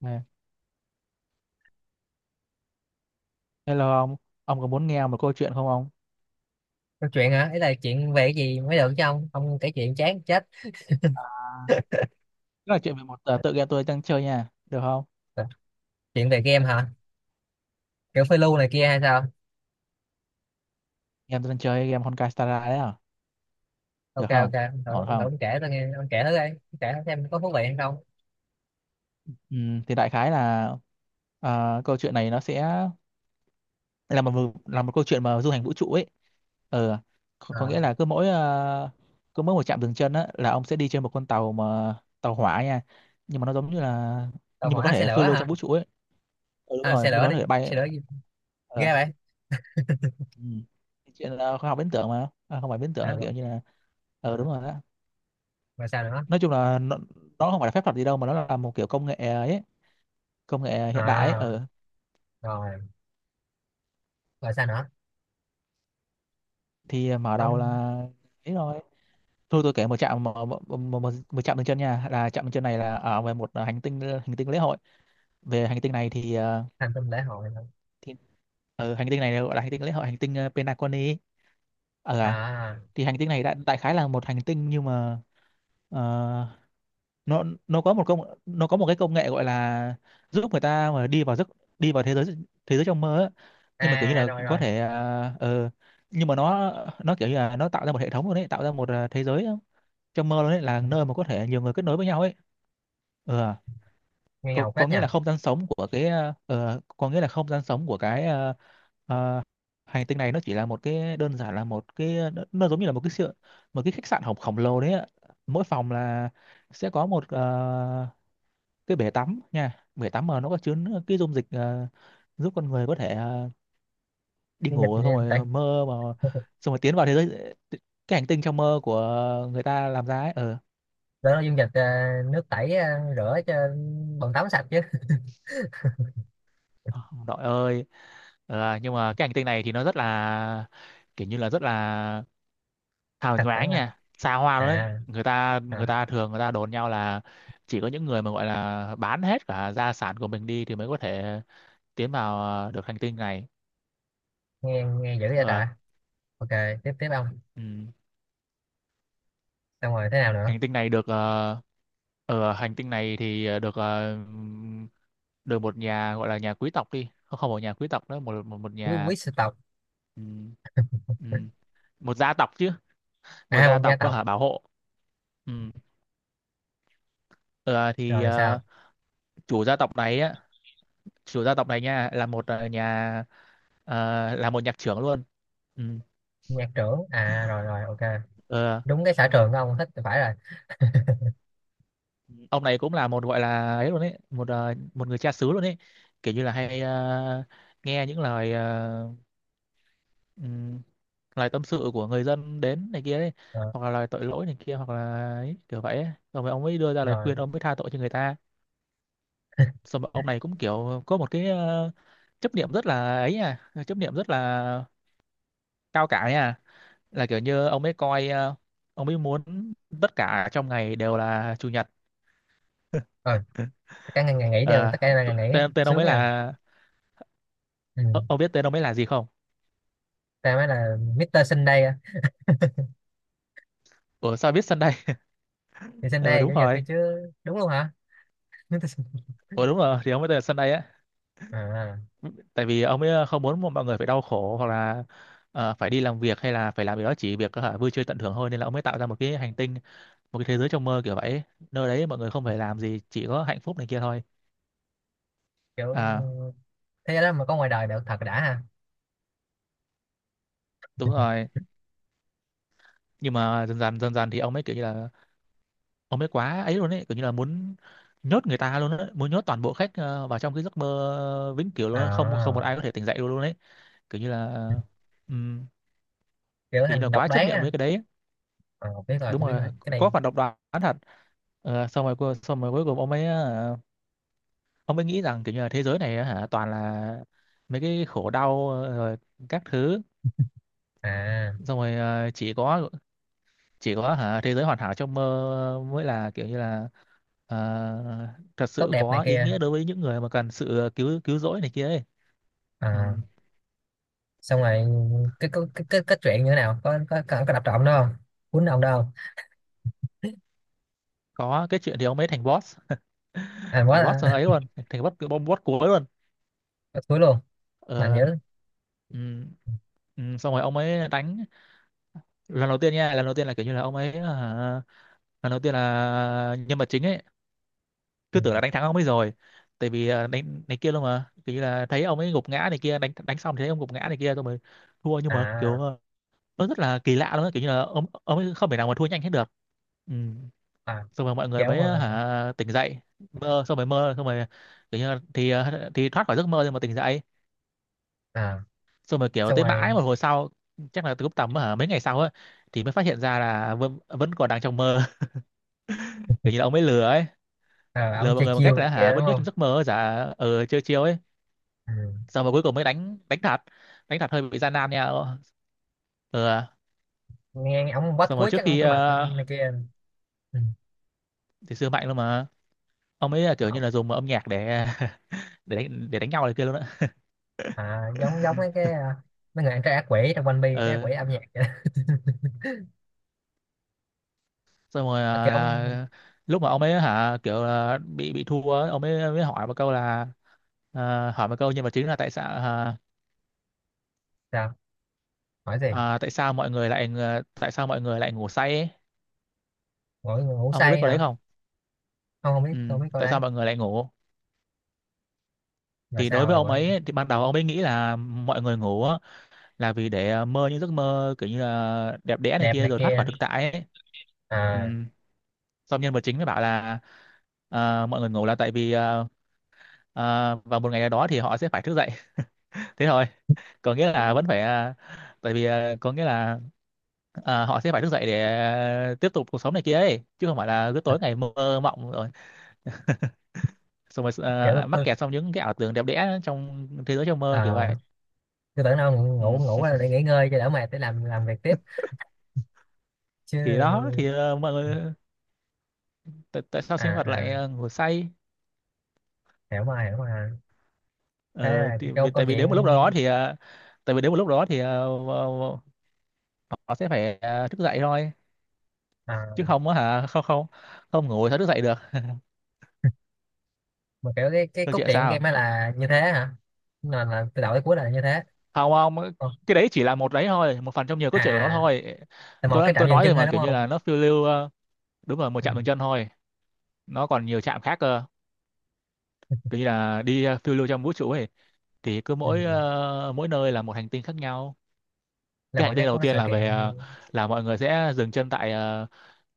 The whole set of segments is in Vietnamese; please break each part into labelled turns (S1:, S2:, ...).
S1: Này, hello ông có muốn nghe một câu chuyện không ông?
S2: Câu chuyện hả? Ý là chuyện về cái gì mới được chứ không không kể chuyện chán chết.
S1: Tức là chuyện về một tựa game tôi đang chơi nha, được không?
S2: Ờ, Chuyện về game hả? Kiểu phiêu lưu này kia hay sao?
S1: Game tôi đang chơi game Honkai Star Rail đấy à, được
S2: Ok ok,
S1: không? Ổn
S2: ông thử
S1: không?
S2: ông kể tôi nghe, ông kể thử đi. Ông kể thử xem có thú vị hay không.
S1: Ừ, thì đại khái là câu chuyện này nó sẽ là một câu chuyện mà du hành vũ trụ ấy. Ờ,
S2: À,
S1: có nghĩa là cứ mỗi một trạm dừng chân á là ông sẽ đi trên một con tàu mà tàu hỏa nha, nhưng mà nó giống như là
S2: tàu
S1: nhưng mà có
S2: hỏa xe
S1: thể
S2: lửa
S1: phiêu lưu
S2: hả?
S1: trong vũ trụ ấy. Ừ, đúng
S2: À,
S1: rồi,
S2: xe
S1: nhưng
S2: lửa
S1: mà
S2: đi,
S1: có thể bay.
S2: xe lửa gì?
S1: ờ,
S2: Ghê vậy?
S1: Ừ. Cái chuyện là khoa học viễn tưởng mà à, không phải viễn tưởng
S2: À,
S1: nó
S2: rồi,
S1: kiểu như là ờ đúng rồi đó,
S2: rồi sao nữa?
S1: nói chung là nó không phải là phép thuật gì đâu mà nó là một kiểu công nghệ ấy, công nghệ hiện đại ấy
S2: À,
S1: ừ.
S2: rồi, rồi sao nữa?
S1: Thì mở đầu là
S2: Ông
S1: ấy rồi, thôi tôi kể một trạm một trạm dừng chân nha, là trạm dừng chân này là ở về một hành tinh lễ hội. Về hành tinh này thì
S2: thành tâm lễ hội hả?
S1: thì ở hành tinh này là gọi là hành tinh lễ hội hành tinh Pelagoni ấy. ờ à,
S2: À,
S1: thì hành tinh này đại khái là một hành tinh nhưng mà ờ, nó có một công, nó có một cái công nghệ gọi là giúp người ta mà đi vào giấc, đi vào thế giới, thế giới trong mơ á. Nhưng mà kiểu như
S2: à, à,
S1: là
S2: rồi
S1: có
S2: rồi,
S1: thể à, ờ, nhưng mà nó kiểu như là nó tạo ra một hệ thống luôn đấy, tạo ra một à, thế giới trong mơ luôn đấy, là nơi mà có thể nhiều người kết nối với nhau ấy, ừ,
S2: nghe ngầu
S1: có
S2: phết
S1: nghĩa là
S2: nha.
S1: không gian sống của cái à, ờ, có nghĩa là không gian sống của cái à, à, hành tinh này nó chỉ là một cái đơn giản là một cái nó giống như là một cái sự, một cái khách sạn khổng khổng lồ đấy ạ. Mỗi phòng là sẽ có một cái bể tắm nha, bể tắm mà nó có chứa cái dung dịch giúp con người có thể đi
S2: Dung
S1: ngủ xong
S2: dịch tẩy,
S1: rồi mơ mà xong rồi tiến vào thế giới, cái hành tinh trong mơ của người ta làm ra ấy ờ,
S2: đó là dung dịch nước tẩy rửa cho bồn tắm sạch chứ,
S1: đội ơi. Ờ, nhưng mà cái hành tinh này thì nó rất là kiểu như là rất là hào
S2: sạch
S1: nhoáng
S2: sẵn mà.
S1: nha, xa hoa luôn đấy,
S2: À,
S1: người ta
S2: à.
S1: người ta thường người ta đồn nhau là chỉ có những người mà gọi là bán hết cả gia sản của mình đi thì mới có thể tiến vào được hành tinh này.
S2: Nghe nghe dữ vậy
S1: Ờ,
S2: ta. Ok, tiếp tiếp ông,
S1: ừ.
S2: xong rồi thế nào nữa?
S1: Hành tinh này được ở hành tinh này thì ờ, được được một nhà gọi là nhà quý tộc đi, không không phải nhà quý tộc nữa, một một
S2: Quý
S1: nhà,
S2: quý sư tộc.
S1: ừm, ừm, một gia tộc chứ, một
S2: À
S1: gia
S2: một gia
S1: tộc
S2: tộc.
S1: hả, bảo hộ. Ừm, ờ, thì
S2: Rồi
S1: ờ,
S2: sao?
S1: chủ gia tộc này á, chủ gia tộc này nha là một nhà ờ, là một nhạc trưởng luôn. Ừm,
S2: Nhạc trưởng à, rồi rồi ok,
S1: ờ,
S2: đúng cái sở trường của ông thích thì phải rồi.
S1: ông này cũng là một gọi là ấy luôn ấy, một một người cha xứ luôn ấy, kiểu như là hay nghe những lời ừm, lời tâm sự của người dân đến này kia ấy,
S2: Ờ,
S1: hoặc là lời tội lỗi này kia hoặc là ấy, kiểu vậy ấy. Rồi ông ấy đưa ra lời
S2: rồi,
S1: khuyên, ông mới tha tội cho người ta. Xong rồi ông này cũng kiểu có một cái chấp niệm rất là ấy, à chấp niệm rất là cao cả ấy à, là kiểu như ông ấy coi ông ấy muốn tất cả trong ngày đều là chủ nhật.
S2: rồi. Ừ, tất cả ngày ngày nghỉ đều
S1: Ờ,
S2: tất cả
S1: t-
S2: ngày ngày nghỉ
S1: tên tên ông
S2: sướng
S1: ấy
S2: nha.
S1: là
S2: Ừ.
S1: ờ, ông biết tên ông ấy là gì không?
S2: Ta mới là Mr. Sunday á.
S1: Ủa sao biết Sunday?
S2: Thì
S1: Ờ
S2: Sunday là
S1: đúng
S2: chủ nhật thôi
S1: rồi.
S2: chứ. Đúng luôn hả? Mr. Sunday.
S1: Ủa đúng rồi, thì ông ấy tên là Sunday á,
S2: À,
S1: tại vì ông ấy không muốn mọi người phải đau khổ hoặc là phải đi làm việc hay là phải làm gì đó, chỉ việc hả, vui chơi tận hưởng thôi, nên là ông ấy tạo ra một cái hành tinh, một cái thế giới trong mơ kiểu vậy, nơi đấy mọi người không phải làm gì chỉ có hạnh phúc này kia thôi.
S2: kiểu
S1: À
S2: thế đó mà có ngoài đời được thật đã ha.
S1: đúng rồi. Nhưng mà dần dần dần dần thì ông ấy kiểu như là ông ấy quá ấy luôn ấy, kiểu như là muốn nhốt người ta luôn á, muốn nhốt toàn bộ khách vào trong cái giấc mơ vĩnh cửu luôn á, không không một
S2: À,
S1: ai có thể tỉnh dậy luôn luôn ấy, kiểu như là ừm,
S2: kiểu
S1: kiểu như là
S2: thành độc
S1: quá chấp
S2: đoán
S1: niệm
S2: á.
S1: với cái đấy.
S2: À, biết rồi,
S1: Đúng
S2: tôi biết
S1: rồi,
S2: rồi cái
S1: có
S2: này.
S1: phản độc đoán thật. Ờ, xong rồi cuối cùng ông ấy ông ấy nghĩ rằng kiểu như là thế giới này á hả toàn là mấy cái khổ đau rồi các thứ,
S2: À
S1: xong rồi chỉ có hả thế giới hoàn hảo trong mơ mới là kiểu như là ờ, thật
S2: tốt
S1: sự
S2: đẹp này
S1: có ý
S2: kia.
S1: nghĩa đối với những người mà cần sự cứu cứu rỗi này kia ấy. Ừ.
S2: À, xong rồi cái cái chuyện như thế nào, có có đập trộm đâu không, cuốn ông đâu không?
S1: Có cái chuyện thì ông ấy thành boss.
S2: À quá
S1: Thành boss
S2: là
S1: ấy luôn, thành boss bom boss cuối luôn.
S2: bắt cuối luôn. Mạnh
S1: Ờ,
S2: dữ.
S1: ừ. Ừ. Xong rồi ông ấy đánh lần đầu tiên nha, lần đầu tiên là kiểu như là ông ấy à, lần đầu tiên là nhân vật chính ấy
S2: Ừ.
S1: cứ tưởng là đánh thắng ông ấy rồi, tại vì à, đánh đánh kia luôn mà kiểu như là thấy ông ấy gục ngã này kia, đánh đánh xong thì thấy ông gục ngã này kia rồi mới thua, nhưng mà kiểu
S2: à
S1: à, nó rất là kỳ lạ luôn á, kiểu như là ông ấy không thể nào mà thua nhanh hết được. Ừ.
S2: à
S1: Xong rồi mọi người
S2: kéo
S1: mới
S2: mà.
S1: hả tỉnh dậy, mơ xong rồi kiểu như là, thì à, thì thoát khỏi giấc mơ nhưng mà tỉnh dậy
S2: À
S1: xong rồi kiểu
S2: xong
S1: tới mãi một
S2: rồi,
S1: hồi sau, chắc là từ lúc tầm hả mấy ngày sau á, thì mới phát hiện ra là vẫn vẫn còn đang trong mơ. Kiểu như là ông ấy lừa ấy,
S2: à,
S1: lừa
S2: ông
S1: mọi
S2: chơi
S1: người bằng
S2: chiêu
S1: cách
S2: này
S1: là hả
S2: kia đúng
S1: vẫn nhớ
S2: không?
S1: trong giấc mơ giả ờ chiêu chiêu ấy.
S2: Ừ.
S1: Xong rồi cuối cùng mới đánh đánh thật, đánh thật hơi bị gian nan nha ờ. Ờ.
S2: Nghe ông bắt
S1: Xong rồi
S2: cuối
S1: trước
S2: chắc ông
S1: khi
S2: phải mạnh này kia. Ừ.
S1: thì xưa mạnh luôn mà, ông ấy là kiểu như
S2: Ông-
S1: là dùng âm nhạc để để đánh nhau này kia luôn á.
S2: à giống giống mấy cái, à, mấy người ăn trái ác quỷ trong One Piece, trái ác
S1: Ờ,
S2: quỷ âm nhạc vậy đó.
S1: xong rồi
S2: Mà cái ông
S1: lúc mà ông ấy hả kiểu là bị thua á, ông ấy mới hỏi một câu là à, hỏi một câu nhân vật chính là tại sao à,
S2: sao, hỏi gì?
S1: à, tại sao mọi người lại tại sao mọi người lại ngủ say ấy?
S2: Ngủ ngủ
S1: Ông có biết
S2: say
S1: câu đấy
S2: hả?
S1: không?
S2: Không không biết,
S1: Ừ,
S2: không biết câu
S1: tại
S2: đấy.
S1: sao mọi người lại ngủ?
S2: Là
S1: Thì đối
S2: sao
S1: với
S2: rồi,
S1: ông
S2: gọi?
S1: ấy thì ban đầu ông ấy nghĩ là mọi người ngủ á, là vì để mơ những giấc mơ kiểu như là đẹp đẽ này
S2: Đẹp
S1: kia
S2: này
S1: rồi thoát khỏi
S2: kia.
S1: thực tại ấy. Ừ.
S2: À
S1: Xong nhân vật chính mới bảo là mọi người ngủ là tại vì vào một ngày nào đó thì họ sẽ phải thức dậy. Thế thôi, có nghĩa là vẫn phải tại vì có nghĩa là họ sẽ phải thức dậy để tiếp tục cuộc sống này kia ấy, chứ không phải là cứ tối ngày mơ mộng rồi, xong rồi
S2: kiểu
S1: mắc
S2: tôi
S1: kẹt trong những cái ảo tưởng đẹp đẽ trong thế giới trong mơ kiểu
S2: à,
S1: vậy.
S2: tôi tưởng đâu ngủ ngủ
S1: Ừ.
S2: ngủ là để nghỉ ngơi cho đỡ mệt để làm việc tiếp chứ.
S1: Thì đó thì mọi người tại sao
S2: À
S1: sinh vật lại
S2: à
S1: ngủ say?
S2: hiểu mà, hiểu mà. Thế
S1: Ờ,
S2: là cái
S1: thì,
S2: câu
S1: vì,
S2: câu
S1: tại vì
S2: chuyện,
S1: đến một lúc nào đó thì tại vì đến một lúc đó thì họ sẽ phải thức dậy thôi, chứ
S2: à,
S1: không á hả không không, không ngủ thì thức dậy được.
S2: mà kiểu cái
S1: Câu
S2: cốt
S1: chuyện
S2: truyện
S1: sao?
S2: game ấy là như thế hả? Là từ đầu tới cuối là như thế.
S1: Không không,
S2: Ồ,
S1: cái đấy chỉ là một đấy thôi, một phần trong nhiều
S2: à
S1: câu chuyện của nó
S2: à,
S1: thôi.
S2: là một
S1: tôi
S2: cái trạm
S1: tôi
S2: dừng
S1: nói rồi
S2: chân thôi
S1: mà,
S2: đúng
S1: kiểu như
S2: không?
S1: là nó phiêu lưu đúng là một
S2: Ừ,
S1: chạm dừng chân thôi, nó còn nhiều chạm khác cơ, kiểu như là đi phiêu lưu trong vũ trụ ấy, thì
S2: ừ.
S1: mỗi nơi là một hành tinh khác nhau.
S2: Là
S1: Cái
S2: mỗi
S1: hành tinh
S2: sẽ có
S1: đầu
S2: cái
S1: tiên
S2: sự
S1: là về
S2: kiện
S1: là mọi người sẽ dừng chân tại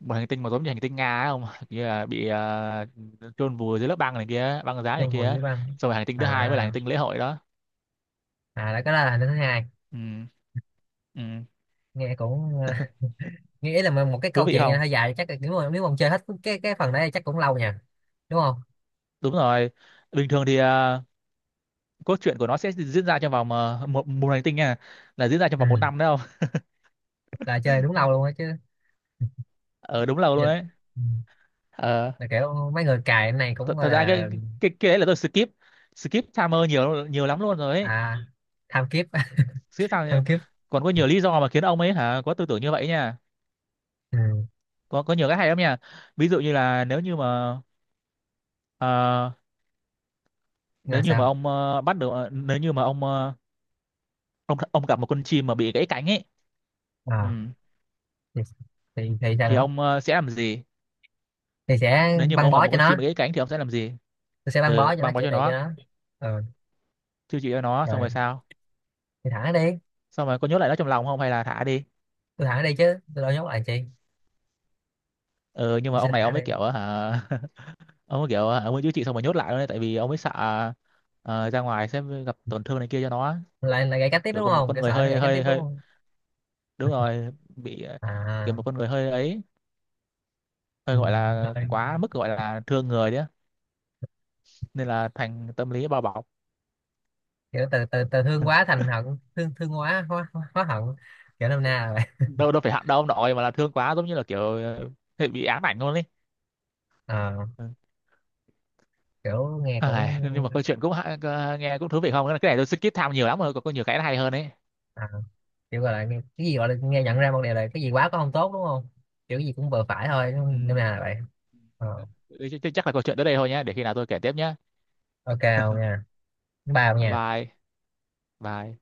S1: một hành tinh mà giống như hành tinh Nga ấy không, kia là bị chôn vùi dưới lớp băng này kia, băng giá này
S2: trong vườn
S1: kia.
S2: với băng.
S1: Xong rồi hành tinh thứ hai mới là hành
S2: À
S1: tinh lễ hội đó.
S2: à là cái đó là thứ hai.
S1: Ừ, ừ.
S2: Nghe cũng, ờ, nghĩ là một cái
S1: Thú
S2: câu
S1: vị
S2: chuyện này
S1: không?
S2: hơi dài, chắc là nếu mà ông chơi hết cái phần đấy chắc cũng lâu nha, đúng không?
S1: Đúng rồi, bình thường thì cốt truyện của nó sẽ diễn ra trong vòng ờ, một một hành tinh nha, là diễn ra trong vòng một
S2: Ừ,
S1: năm đấy không.
S2: là chơi đúng lâu luôn á chứ.
S1: Ờ đúng lâu luôn
S2: Vậy là,
S1: đấy.
S2: ừ,
S1: Ờ,
S2: là kiểu mấy người cài cái này cũng gọi
S1: thật ra
S2: là
S1: cái đấy là tôi skip, skip timer nhiều nhiều lắm luôn rồi ấy,
S2: à, tham kiếp.
S1: skip timer.
S2: Tham kiếp.
S1: Còn có nhiều lý do mà khiến ông ấy hả có tư tưởng như vậy nha,
S2: Ừ.
S1: có nhiều cái hay lắm nha. Ví dụ như là nếu như mà à,
S2: Là sao?
S1: nếu như mà ông ờ, ông gặp một con chim mà bị gãy cánh ấy. Ừ,
S2: À, thì, thì sao
S1: thì
S2: nữa?
S1: ông sẽ làm gì?
S2: Thì sẽ
S1: Nếu như mà
S2: băng
S1: ông gặp
S2: bó
S1: một
S2: cho
S1: con
S2: nó.
S1: chim bị gãy cánh thì ông sẽ làm gì?
S2: Tôi sẽ băng bó
S1: Ừ,
S2: cho nó,
S1: băng bó
S2: chữa
S1: cho
S2: trị cho
S1: nó,
S2: nó. Ừ.
S1: chữa trị cho nó xong
S2: Rồi
S1: rồi sao?
S2: thì thả nó đi.
S1: Xong rồi có nhốt lại nó trong lòng không hay là thả đi?
S2: Tôi thả nó đi chứ tôi đâu nhốt lại làm chi.
S1: Ừ, nhưng mà
S2: Tôi sẽ
S1: ông
S2: thả
S1: này
S2: nó
S1: ông ấy
S2: đi.
S1: kiểu hả ông ấy kiểu hả, ông ấy chữa trị xong rồi nhốt lại luôn đấy, tại vì ông ấy sợ ra ngoài sẽ gặp tổn thương này kia cho nó.
S2: Lại lại gãy cánh tiếp
S1: Kiểu
S2: đúng
S1: có một
S2: không,
S1: con
S2: kiểu sợ
S1: người
S2: nó
S1: hơi
S2: gãy cánh tiếp
S1: hơi
S2: đúng
S1: hơi,
S2: không?
S1: đúng rồi, bị kiểu
S2: À
S1: một con người hơi ấy,
S2: ừ.
S1: hơi gọi là
S2: Rồi.
S1: quá mức gọi là thương người đấy á. Nên là thành tâm lý bao bọc.
S2: Kiểu từ từ từ thương quá thành hận, thương thương quá hóa hận. Kiểu năm na rồi.
S1: Đâu đâu phải hận đâu ông nội, mà là thương quá giống như là kiểu bị ám ảnh luôn ấy.
S2: Ờ,
S1: Ừ.
S2: kiểu nghe cũng,
S1: Ai, nhưng mà câu chuyện cũng nghe cũng thú vị không, cái này tôi skip tham nhiều lắm rồi, còn có nhiều cái nó hay hơn ấy.
S2: à, kiểu gọi là nghe- cái gì gọi là nghe, nhận ra một điều là cái gì quá cũng không tốt đúng không? Kiểu gì cũng vừa phải thôi
S1: Ừ.
S2: không- năm nào là vậy. Ờ,
S1: Chắc là câu chuyện tới đây thôi nhé, để khi nào tôi kể tiếp nhé.
S2: ok không nha. Ba không nha.
S1: Bye. Bye.